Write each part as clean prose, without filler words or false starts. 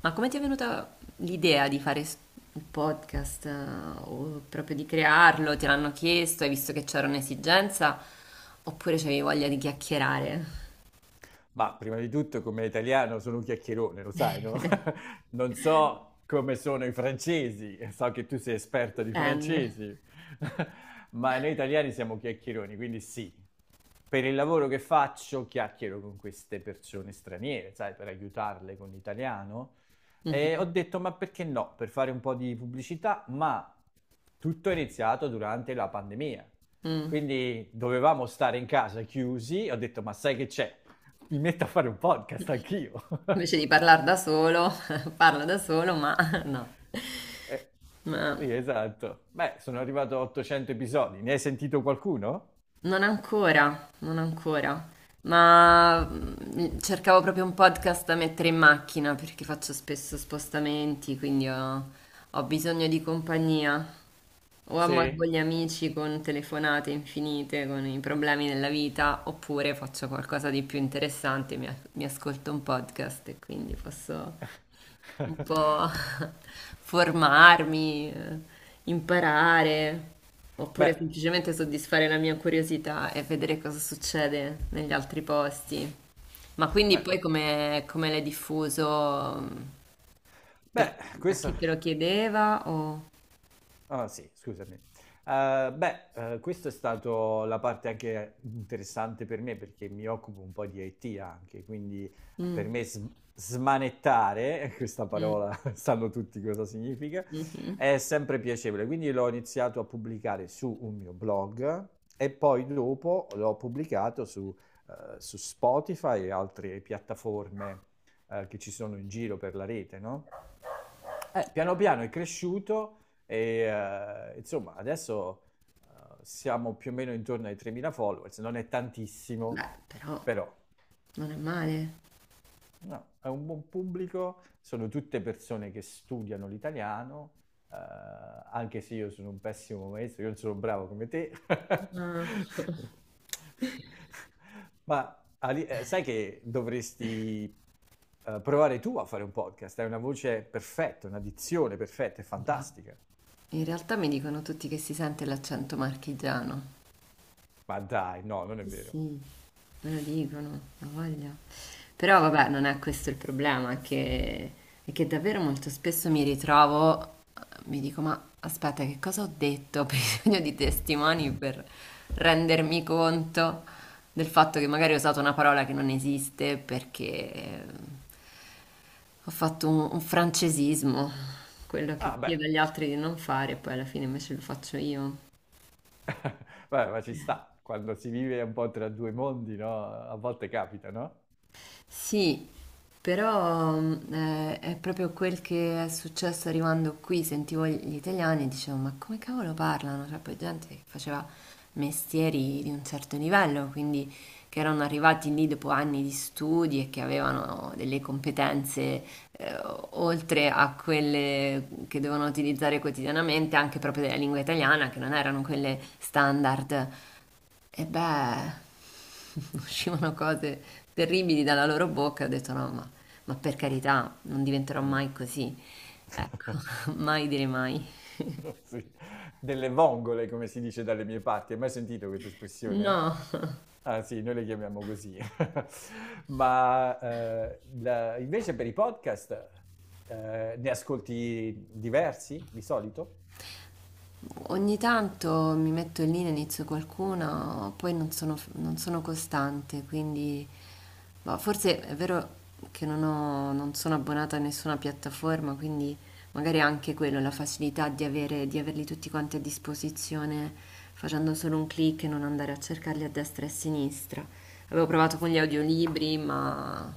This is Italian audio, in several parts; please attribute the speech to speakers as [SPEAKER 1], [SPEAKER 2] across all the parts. [SPEAKER 1] Ma come ti è venuta l'idea di fare un podcast o proprio di crearlo? Te l'hanno chiesto, hai visto che c'era un'esigenza oppure c'avevi voglia di chiacchierare?
[SPEAKER 2] Ma prima di tutto, come italiano, sono un chiacchierone, lo sai, no? Non so come sono i francesi, so che tu sei esperta di
[SPEAKER 1] Dipende.
[SPEAKER 2] francesi, ma noi italiani siamo chiacchieroni, quindi sì. Per il lavoro che faccio, chiacchiero con queste persone straniere, sai, per aiutarle con l'italiano. E ho
[SPEAKER 1] Mhm.
[SPEAKER 2] detto, ma perché no? Per fare un po' di pubblicità, ma tutto è iniziato durante la pandemia.
[SPEAKER 1] Mm.
[SPEAKER 2] Quindi dovevamo stare in casa chiusi, ho detto, ma sai che c'è? Mi metto a fare un podcast anch'io.
[SPEAKER 1] Invece di parlare da solo, parlo da solo, ma
[SPEAKER 2] Eh,
[SPEAKER 1] no.
[SPEAKER 2] sì, esatto. Beh, sono arrivato a 800 episodi. Ne hai sentito qualcuno?
[SPEAKER 1] Non ancora, non ancora, ma cercavo proprio un podcast da mettere in macchina perché faccio spesso spostamenti, quindi ho bisogno di compagnia. O amo con
[SPEAKER 2] Sì.
[SPEAKER 1] gli amici con telefonate infinite, con i problemi della vita, oppure faccio qualcosa di più interessante, mi ascolto un podcast e quindi posso un po' formarmi, imparare, oppure
[SPEAKER 2] Beh,
[SPEAKER 1] semplicemente soddisfare la mia curiosità e vedere cosa succede negli altri posti. Ma quindi poi
[SPEAKER 2] beh,
[SPEAKER 1] come l'hai diffuso? Per,
[SPEAKER 2] beh,
[SPEAKER 1] a
[SPEAKER 2] questo
[SPEAKER 1] chi te lo chiedeva? O...
[SPEAKER 2] Ah sì, scusami. Beh, questa è stata la parte anche interessante per me perché mi occupo un po' di IT anche, quindi per
[SPEAKER 1] Mm,
[SPEAKER 2] me smanettare, questa
[SPEAKER 1] mm,
[SPEAKER 2] parola sanno tutti cosa significa,
[SPEAKER 1] mhm.
[SPEAKER 2] è sempre piacevole. Quindi l'ho iniziato a pubblicare su un mio blog e poi dopo l'ho pubblicato su Spotify e altre piattaforme, che ci sono in giro per la rete, no? Piano piano è cresciuto e insomma adesso eh, siamo più o meno intorno ai 3.000 followers, non è
[SPEAKER 1] Beh,
[SPEAKER 2] tantissimo,
[SPEAKER 1] però
[SPEAKER 2] però
[SPEAKER 1] non è male.
[SPEAKER 2] no, è un buon pubblico, sono tutte persone che studiano l'italiano, anche se io sono un pessimo maestro, io non sono bravo come te,
[SPEAKER 1] Ah.
[SPEAKER 2] ma sai che dovresti provare tu a fare un podcast, hai una voce perfetta, una dizione perfetta, è fantastica.
[SPEAKER 1] In realtà mi dicono tutti che si sente l'accento marchigiano.
[SPEAKER 2] Ma dai, no, non è
[SPEAKER 1] Sì,
[SPEAKER 2] vero.
[SPEAKER 1] sì, me lo dicono, ha voglia. Però
[SPEAKER 2] Sì.
[SPEAKER 1] vabbè, non è questo il problema, è che davvero molto spesso mi ritrovo, mi dico, ma aspetta, che cosa ho detto? Ho bisogno di testimoni per rendermi conto del fatto che magari ho usato una parola che non esiste perché ho fatto un francesismo, quello che
[SPEAKER 2] Ah, beh,
[SPEAKER 1] chiedo agli altri di non fare, poi alla fine invece lo faccio io.
[SPEAKER 2] Vabbè, ma ci sta. Quando si vive un po' tra due mondi, no? A volte capita, no?
[SPEAKER 1] Sì, però è proprio quel che è successo arrivando qui, sentivo gli italiani e dicevo, ma come cavolo parlano? Cioè, poi gente che faceva mestieri di un certo livello, quindi che erano arrivati lì dopo anni di studi e che avevano delle competenze eh, oltre a quelle che devono utilizzare quotidianamente, anche proprio della lingua italiana, che non erano quelle standard. E beh, uscivano cose terribili dalla loro bocca. Ho detto no, ma per carità, non diventerò
[SPEAKER 2] Mm.
[SPEAKER 1] mai così. Ecco, mai dire mai.
[SPEAKER 2] Sì. Delle vongole, come si dice dalle mie parti. Hai mai sentito questa espressione?
[SPEAKER 1] No.
[SPEAKER 2] Ah, sì, noi le chiamiamo così. Ma invece per i podcast, ne ascolti diversi di solito?
[SPEAKER 1] Ogni tanto mi metto lì, ne inizio qualcuna, poi non sono costante, quindi ma forse è vero che non sono abbonata a nessuna piattaforma, quindi magari anche quello, la facilità di di averli tutti quanti a disposizione facendo solo un clic e non andare a cercarli a destra e a sinistra. Avevo provato con gli audiolibri,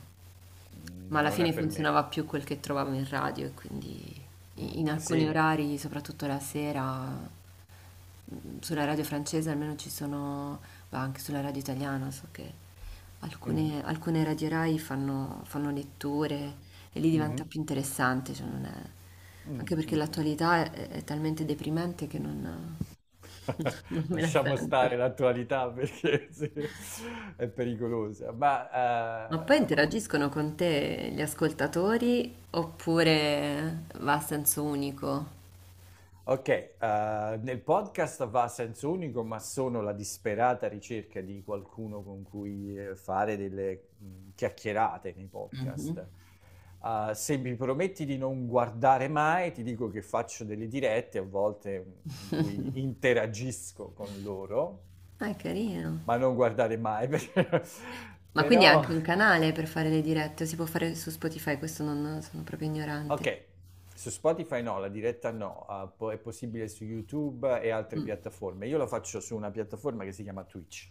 [SPEAKER 1] ma
[SPEAKER 2] Mm.
[SPEAKER 1] alla
[SPEAKER 2] Non è
[SPEAKER 1] fine
[SPEAKER 2] per me.
[SPEAKER 1] funzionava più quel che trovavo in radio e quindi
[SPEAKER 2] Mm,
[SPEAKER 1] in alcuni
[SPEAKER 2] sì.
[SPEAKER 1] orari, soprattutto la sera sulla radio francese almeno ci sono, ma anche sulla radio italiana, so che
[SPEAKER 2] Mhm.
[SPEAKER 1] alcune radio Rai fanno letture e lì diventa
[SPEAKER 2] Mhm.
[SPEAKER 1] più interessante, cioè non è- anche
[SPEAKER 2] Mm,
[SPEAKER 1] perché
[SPEAKER 2] mm, mm.
[SPEAKER 1] l'attualità è talmente deprimente che non, non me la
[SPEAKER 2] Lasciamo
[SPEAKER 1] sento.
[SPEAKER 2] stare l'attualità perché sì, è pericolosa.
[SPEAKER 1] Ma poi
[SPEAKER 2] Ma
[SPEAKER 1] interagiscono con te gli ascoltatori oppure va a senso unico?
[SPEAKER 2] ok, nel podcast va a senso unico, ma sono la disperata ricerca di qualcuno con cui fare delle chiacchierate nei
[SPEAKER 1] Mhm.
[SPEAKER 2] podcast. Se mi prometti di non guardare mai, ti dico che faccio delle dirette a volte, in cui interagisco con loro,
[SPEAKER 1] Ah, è carino.
[SPEAKER 2] ma non guardare mai,
[SPEAKER 1] Ma quindi è
[SPEAKER 2] però.
[SPEAKER 1] anche un canale per fare le dirette, o si può fare su Spotify? Questo non sono proprio ignorante.
[SPEAKER 2] Ok, su Spotify no, la diretta no, è possibile su YouTube e altre
[SPEAKER 1] Mm.
[SPEAKER 2] piattaforme. Io la faccio su una piattaforma che si chiama Twitch,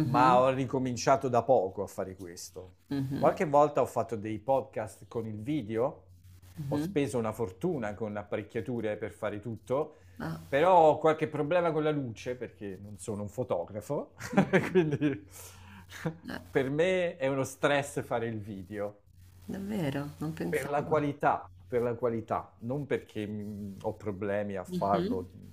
[SPEAKER 2] ma ho ricominciato da poco a fare questo.
[SPEAKER 1] mhm,
[SPEAKER 2] Qualche volta ho fatto dei podcast con il video, ho
[SPEAKER 1] mhm.
[SPEAKER 2] speso una fortuna con apparecchiature per fare tutto,
[SPEAKER 1] Ah,
[SPEAKER 2] però ho qualche problema con la luce perché non sono un fotografo,
[SPEAKER 1] mhm.
[SPEAKER 2] quindi
[SPEAKER 1] Eh,
[SPEAKER 2] per me è uno stress fare il video.
[SPEAKER 1] davvero, non pensavo.
[SPEAKER 2] Per la qualità, non perché ho problemi a
[SPEAKER 1] Mhm.
[SPEAKER 2] farlo,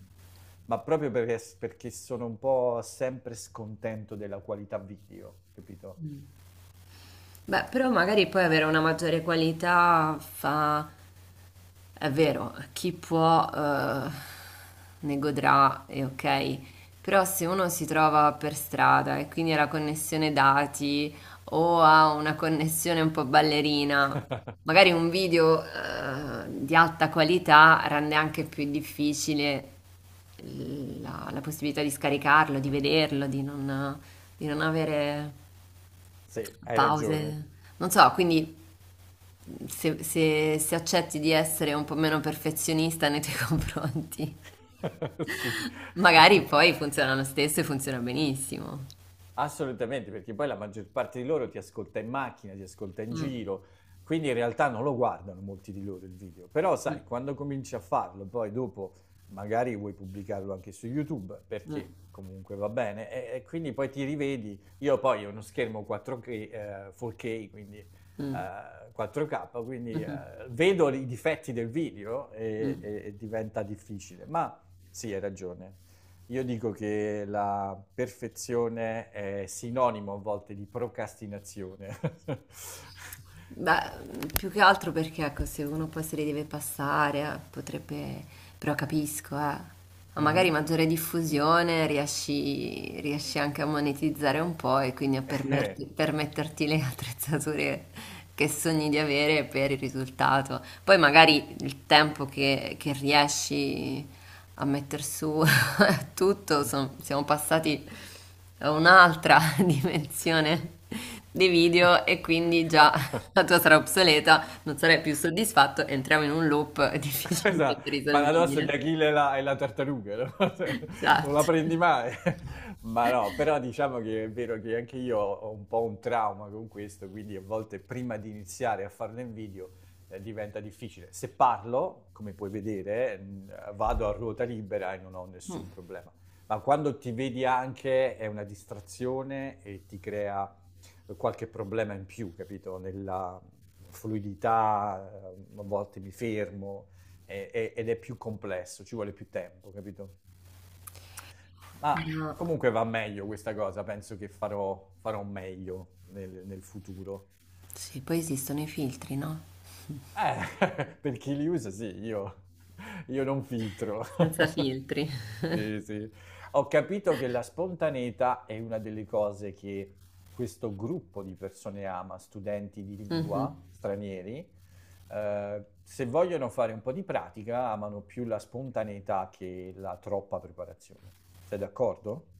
[SPEAKER 2] ma proprio perché sono un po' sempre scontento della qualità video, capito?
[SPEAKER 1] Beh, però magari poi avere una maggiore qualità fa. È vero, chi può ne godrà, e ok, però se uno si trova per strada e quindi ha la connessione dati o ha una connessione un po' ballerina, magari un video di alta qualità rende anche più difficile la possibilità di scaricarlo, di vederlo, di non avere
[SPEAKER 2] Sì, hai ragione.
[SPEAKER 1] pause. Non so, quindi se accetti di essere un po' meno perfezionista nei tuoi confronti,
[SPEAKER 2] Sì.
[SPEAKER 1] magari poi funziona lo stesso e funziona benissimo.
[SPEAKER 2] Assolutamente, perché poi la maggior parte di loro ti ascolta in macchina, ti ascolta in
[SPEAKER 1] Mm,
[SPEAKER 2] giro, quindi in realtà non lo guardano molti di loro il video. Però
[SPEAKER 1] mm,
[SPEAKER 2] sai, quando cominci a farlo, poi dopo magari vuoi pubblicarlo anche su YouTube,
[SPEAKER 1] mm,
[SPEAKER 2] perché comunque va bene, e quindi poi ti rivedi. Io poi ho uno schermo 4K, 4K, quindi
[SPEAKER 1] mm,
[SPEAKER 2] 4K, quindi
[SPEAKER 1] mhm,
[SPEAKER 2] vedo i difetti del video e,
[SPEAKER 1] mm.
[SPEAKER 2] e- e diventa difficile. Ma sì, hai ragione. Io dico che la perfezione è sinonimo a volte di procrastinazione.
[SPEAKER 1] Beh, più che altro perché, ecco, se uno poi se li deve passare, potrebbe... Però capisco, eh. Ma magari
[SPEAKER 2] Mhm.
[SPEAKER 1] maggiore diffusione riesci anche a monetizzare un po' e quindi a
[SPEAKER 2] Eh.
[SPEAKER 1] permetterti le attrezzature che sogni di avere per il risultato. Poi magari il tempo che riesci a metter su tutto, siamo passati a un'altra dimensione dei video e quindi già la tua sarà obsoleta, non sarai più soddisfatto, entriamo in un loop
[SPEAKER 2] Esatto,
[SPEAKER 1] difficilmente
[SPEAKER 2] il paradosso di
[SPEAKER 1] risolvibile.
[SPEAKER 2] Achille e la tartaruga, no? Non la
[SPEAKER 1] Esatto.
[SPEAKER 2] prendi mai. Ma no, però diciamo che è vero che anche io ho un po' un trauma con questo, quindi a volte prima di iniziare a farlo in video, diventa difficile. Se parlo, come puoi vedere, vado a ruota libera e non ho
[SPEAKER 1] Mm,
[SPEAKER 2] nessun problema. Ma quando ti vedi anche è una distrazione e ti crea qualche problema in più, capito? Nella fluidità, a volte mi fermo ed è più complesso, ci vuole più tempo, capito? Ma
[SPEAKER 1] no.
[SPEAKER 2] comunque va meglio questa cosa, penso che farò meglio nel futuro.
[SPEAKER 1] Sì, poi esistono i filtri, no?
[SPEAKER 2] Per chi li usa, sì, io, non filtro.
[SPEAKER 1] Senza filtri.
[SPEAKER 2] Sì, sì. Ho capito che la spontaneità è una delle cose che questo gruppo di persone ama, studenti di
[SPEAKER 1] Mhm.
[SPEAKER 2] lingua stranieri. Se vogliono fare un po' di pratica, amano più la spontaneità che la troppa preparazione. Sei d'accordo?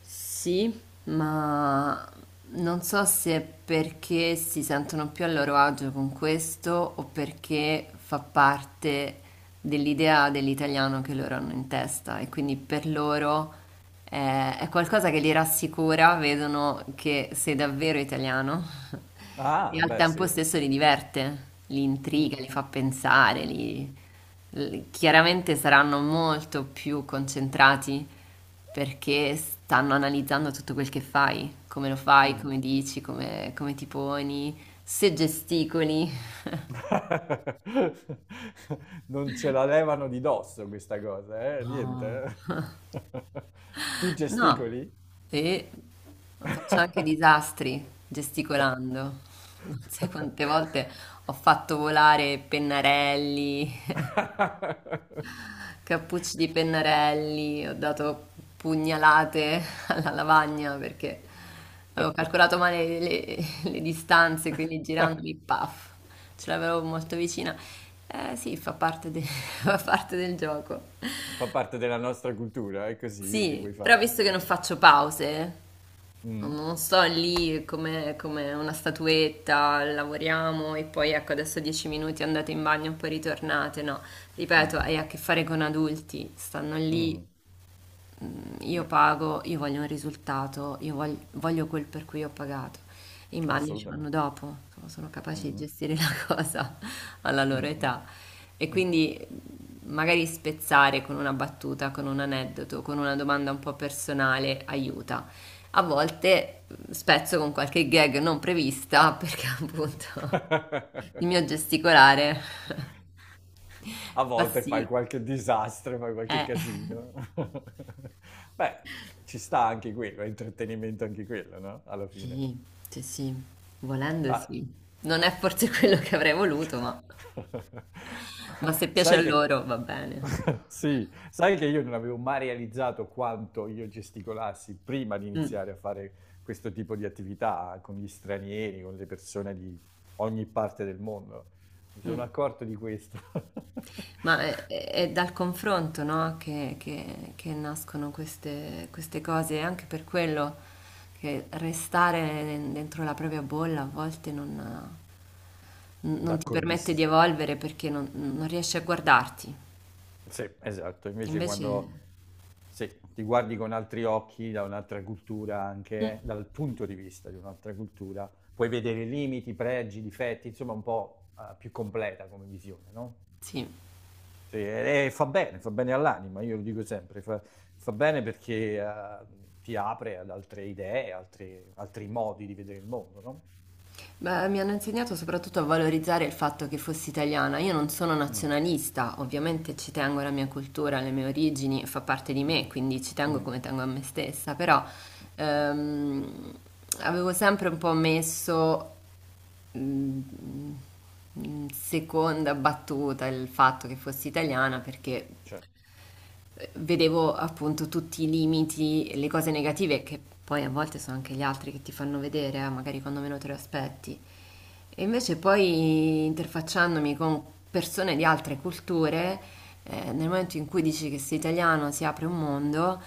[SPEAKER 1] Sì, ma non so se perché si sentono più a loro agio con questo o perché fa parte dell'idea dell'italiano che loro hanno in testa e quindi per loro è qualcosa che li rassicura, vedono che sei davvero italiano. E
[SPEAKER 2] Ah,
[SPEAKER 1] al
[SPEAKER 2] beh,
[SPEAKER 1] tempo
[SPEAKER 2] sì.
[SPEAKER 1] stesso li diverte, li intriga, li
[SPEAKER 2] Mhm,
[SPEAKER 1] fa pensare, chiaramente saranno molto più concentrati perché stanno analizzando tutto quel che fai, come lo fai,
[SPEAKER 2] mhm.
[SPEAKER 1] come dici, come ti poni, se gesticoli.
[SPEAKER 2] Non ce la levano di dosso questa cosa, eh?
[SPEAKER 1] No,
[SPEAKER 2] Niente. Tu
[SPEAKER 1] No.
[SPEAKER 2] gesticoli?
[SPEAKER 1] E faccio anche disastri gesticolando. Non sai quante volte ho fatto volare pennarelli, cappucci di pennarelli, ho dato pugnalate alla lavagna perché avevo calcolato male le distanze, quindi girandomi, paf, ce l'avevo molto vicina. Eh sì, fa parte del gioco.
[SPEAKER 2] Fa parte della nostra cultura, è così che
[SPEAKER 1] Sì,
[SPEAKER 2] vuoi
[SPEAKER 1] però
[SPEAKER 2] fare.
[SPEAKER 1] visto che non faccio pause,
[SPEAKER 2] Mm,
[SPEAKER 1] non sto lì come una statuetta, lavoriamo e poi ecco adesso 10 minuti andate in bagno e poi ritornate, no.
[SPEAKER 2] mm,
[SPEAKER 1] Ripeto, hai a che fare con adulti, stanno lì
[SPEAKER 2] mhm.
[SPEAKER 1] io
[SPEAKER 2] Beh,
[SPEAKER 1] pago, io voglio un risultato, voglio quel per cui ho pagato. I bagni ci vanno
[SPEAKER 2] assolutamente.
[SPEAKER 1] dopo, insomma, sono capaci di
[SPEAKER 2] Mhm,
[SPEAKER 1] gestire la cosa alla loro
[SPEAKER 2] mm, mm,
[SPEAKER 1] età. E
[SPEAKER 2] mm.
[SPEAKER 1] quindi magari spezzare con una battuta, con un aneddoto, con una domanda un po' personale aiuta. A volte spezzo con qualche gag non prevista perché appunto il mio gesticolare
[SPEAKER 2] A
[SPEAKER 1] fa
[SPEAKER 2] volte fai
[SPEAKER 1] sì.
[SPEAKER 2] qualche disastro, fai qualche
[SPEAKER 1] Eh.
[SPEAKER 2] casino. Beh, ci sta anche quello, è intrattenimento anche quello, no? Alla fine.
[SPEAKER 1] Sì, sì, sì, volendo
[SPEAKER 2] Ma
[SPEAKER 1] sì. Non è forse quello che avrei voluto, ma
[SPEAKER 2] Ma
[SPEAKER 1] se piace
[SPEAKER 2] Sai
[SPEAKER 1] a
[SPEAKER 2] che,
[SPEAKER 1] loro va bene.
[SPEAKER 2] sì, sai che io non avevo mai realizzato quanto io gesticolassi prima di
[SPEAKER 1] Mm,
[SPEAKER 2] iniziare a fare questo tipo di attività con gli stranieri, con le persone di ogni parte del mondo. Mi sono
[SPEAKER 1] mm.
[SPEAKER 2] accorto di questo.
[SPEAKER 1] Ma è dal confronto, no? Che nascono queste cose, e anche per quello che restare dentro la propria bolla a volte non, non ti permette di
[SPEAKER 2] D'accordissimo.
[SPEAKER 1] evolvere perché non riesci a guardarti.
[SPEAKER 2] Sì, esatto. Invece
[SPEAKER 1] Invece,
[SPEAKER 2] quando Sì, ti guardi con altri occhi, da un'altra cultura
[SPEAKER 1] Mm.
[SPEAKER 2] anche, dal punto di vista di un'altra cultura, puoi vedere limiti, pregi, difetti, insomma un po', più completa come visione, no?
[SPEAKER 1] sì.
[SPEAKER 2] Sì, e fa bene all'anima, io lo dico sempre, fa bene perché ti apre ad altre idee, altri modi di vedere il mondo, no?
[SPEAKER 1] Beh, mi hanno insegnato soprattutto a valorizzare il fatto che fossi italiana. Io non sono
[SPEAKER 2] Mm,
[SPEAKER 1] nazionalista, ovviamente ci tengo alla mia cultura, alle mie origini, fa parte di me,
[SPEAKER 2] mm,
[SPEAKER 1] quindi ci tengo
[SPEAKER 2] mm,
[SPEAKER 1] come tengo a me stessa, però ehm, avevo sempre un po' messo mm, in seconda battuta il fatto che fossi italiana perché
[SPEAKER 2] cioè,
[SPEAKER 1] vedevo appunto tutti i limiti, le cose negative che poi a volte sono anche gli altri che ti fanno vedere, magari quando meno te lo aspetti. E invece poi interfacciandomi con persone di altre culture, nel momento in cui dici che sei italiano si apre un mondo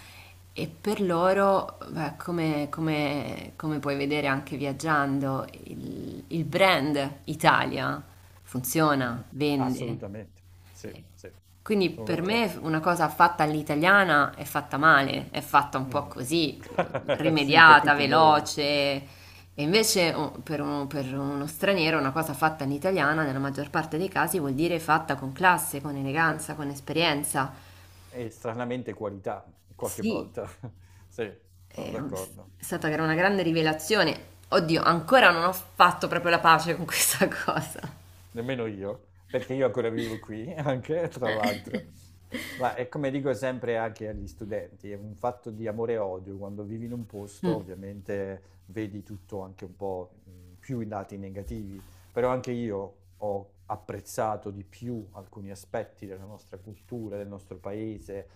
[SPEAKER 1] e per loro, beh, come puoi vedere anche viaggiando, il brand Italia funziona,
[SPEAKER 2] mhm.
[SPEAKER 1] vende.
[SPEAKER 2] Assolutamente, sì, sì,
[SPEAKER 1] Quindi
[SPEAKER 2] sono
[SPEAKER 1] per
[SPEAKER 2] d'accordo.
[SPEAKER 1] me una cosa fatta all'italiana è fatta male, è fatta un po'
[SPEAKER 2] Mm.
[SPEAKER 1] così,
[SPEAKER 2] Sì, per
[SPEAKER 1] rimediata,
[SPEAKER 2] tutti noi.
[SPEAKER 1] veloce. E invece per uno straniero una cosa fatta all'italiana, nella maggior parte dei casi, vuol dire fatta con classe, con eleganza, con esperienza.
[SPEAKER 2] E stranamente qualità qualche
[SPEAKER 1] Sì,
[SPEAKER 2] volta. Sì, sono
[SPEAKER 1] è un-
[SPEAKER 2] d'accordo.
[SPEAKER 1] è stata una grande rivelazione. Oddio, ancora non ho fatto proprio la pace con questa cosa.
[SPEAKER 2] Nemmeno io, perché io ancora vivo qui, anche tra
[SPEAKER 1] Eh.
[SPEAKER 2] l'altro. Ma è come dico sempre anche agli studenti, è un fatto di amore e odio. Quando vivi in un posto,
[SPEAKER 1] Mm,
[SPEAKER 2] ovviamente vedi tutto anche un po', più i lati negativi, però anche io ho apprezzato di più alcuni aspetti della nostra cultura, del nostro paese.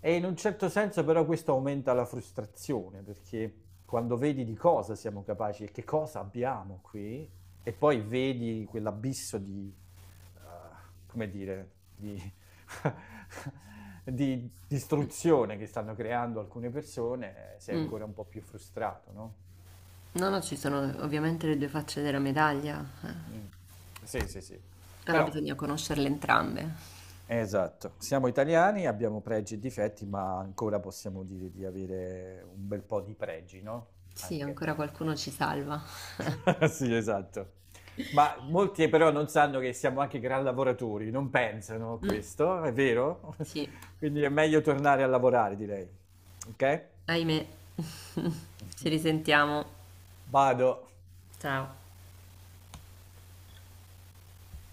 [SPEAKER 2] E in un certo senso però questo aumenta la frustrazione, perché quando vedi di cosa siamo capaci e che cosa abbiamo qui, e poi vedi quell'abisso di, eh, come dire, di, di
[SPEAKER 1] mm,
[SPEAKER 2] distruzione che stanno creando alcune persone, sei
[SPEAKER 1] mm.
[SPEAKER 2] ancora un po' più frustrato, no?
[SPEAKER 1] No, no, ci sono ovviamente le due facce della medaglia.
[SPEAKER 2] Mm. Sì, sì, sì.
[SPEAKER 1] Allora
[SPEAKER 2] Però,
[SPEAKER 1] bisogna conoscerle entrambe.
[SPEAKER 2] esatto, siamo italiani, abbiamo pregi e difetti, ma ancora possiamo dire di avere un bel po' di pregi, no?
[SPEAKER 1] Sì,
[SPEAKER 2] Anche.
[SPEAKER 1] ancora qualcuno ci salva.
[SPEAKER 2] Sì, esatto. Ma molti però non sanno che siamo anche gran lavoratori, non pensano a
[SPEAKER 1] Mm,
[SPEAKER 2] questo, è vero?
[SPEAKER 1] sì,
[SPEAKER 2] Quindi è meglio tornare a lavorare, direi. Ok?
[SPEAKER 1] ahimè. Ci risentiamo.
[SPEAKER 2] Vado.
[SPEAKER 1] Ciao.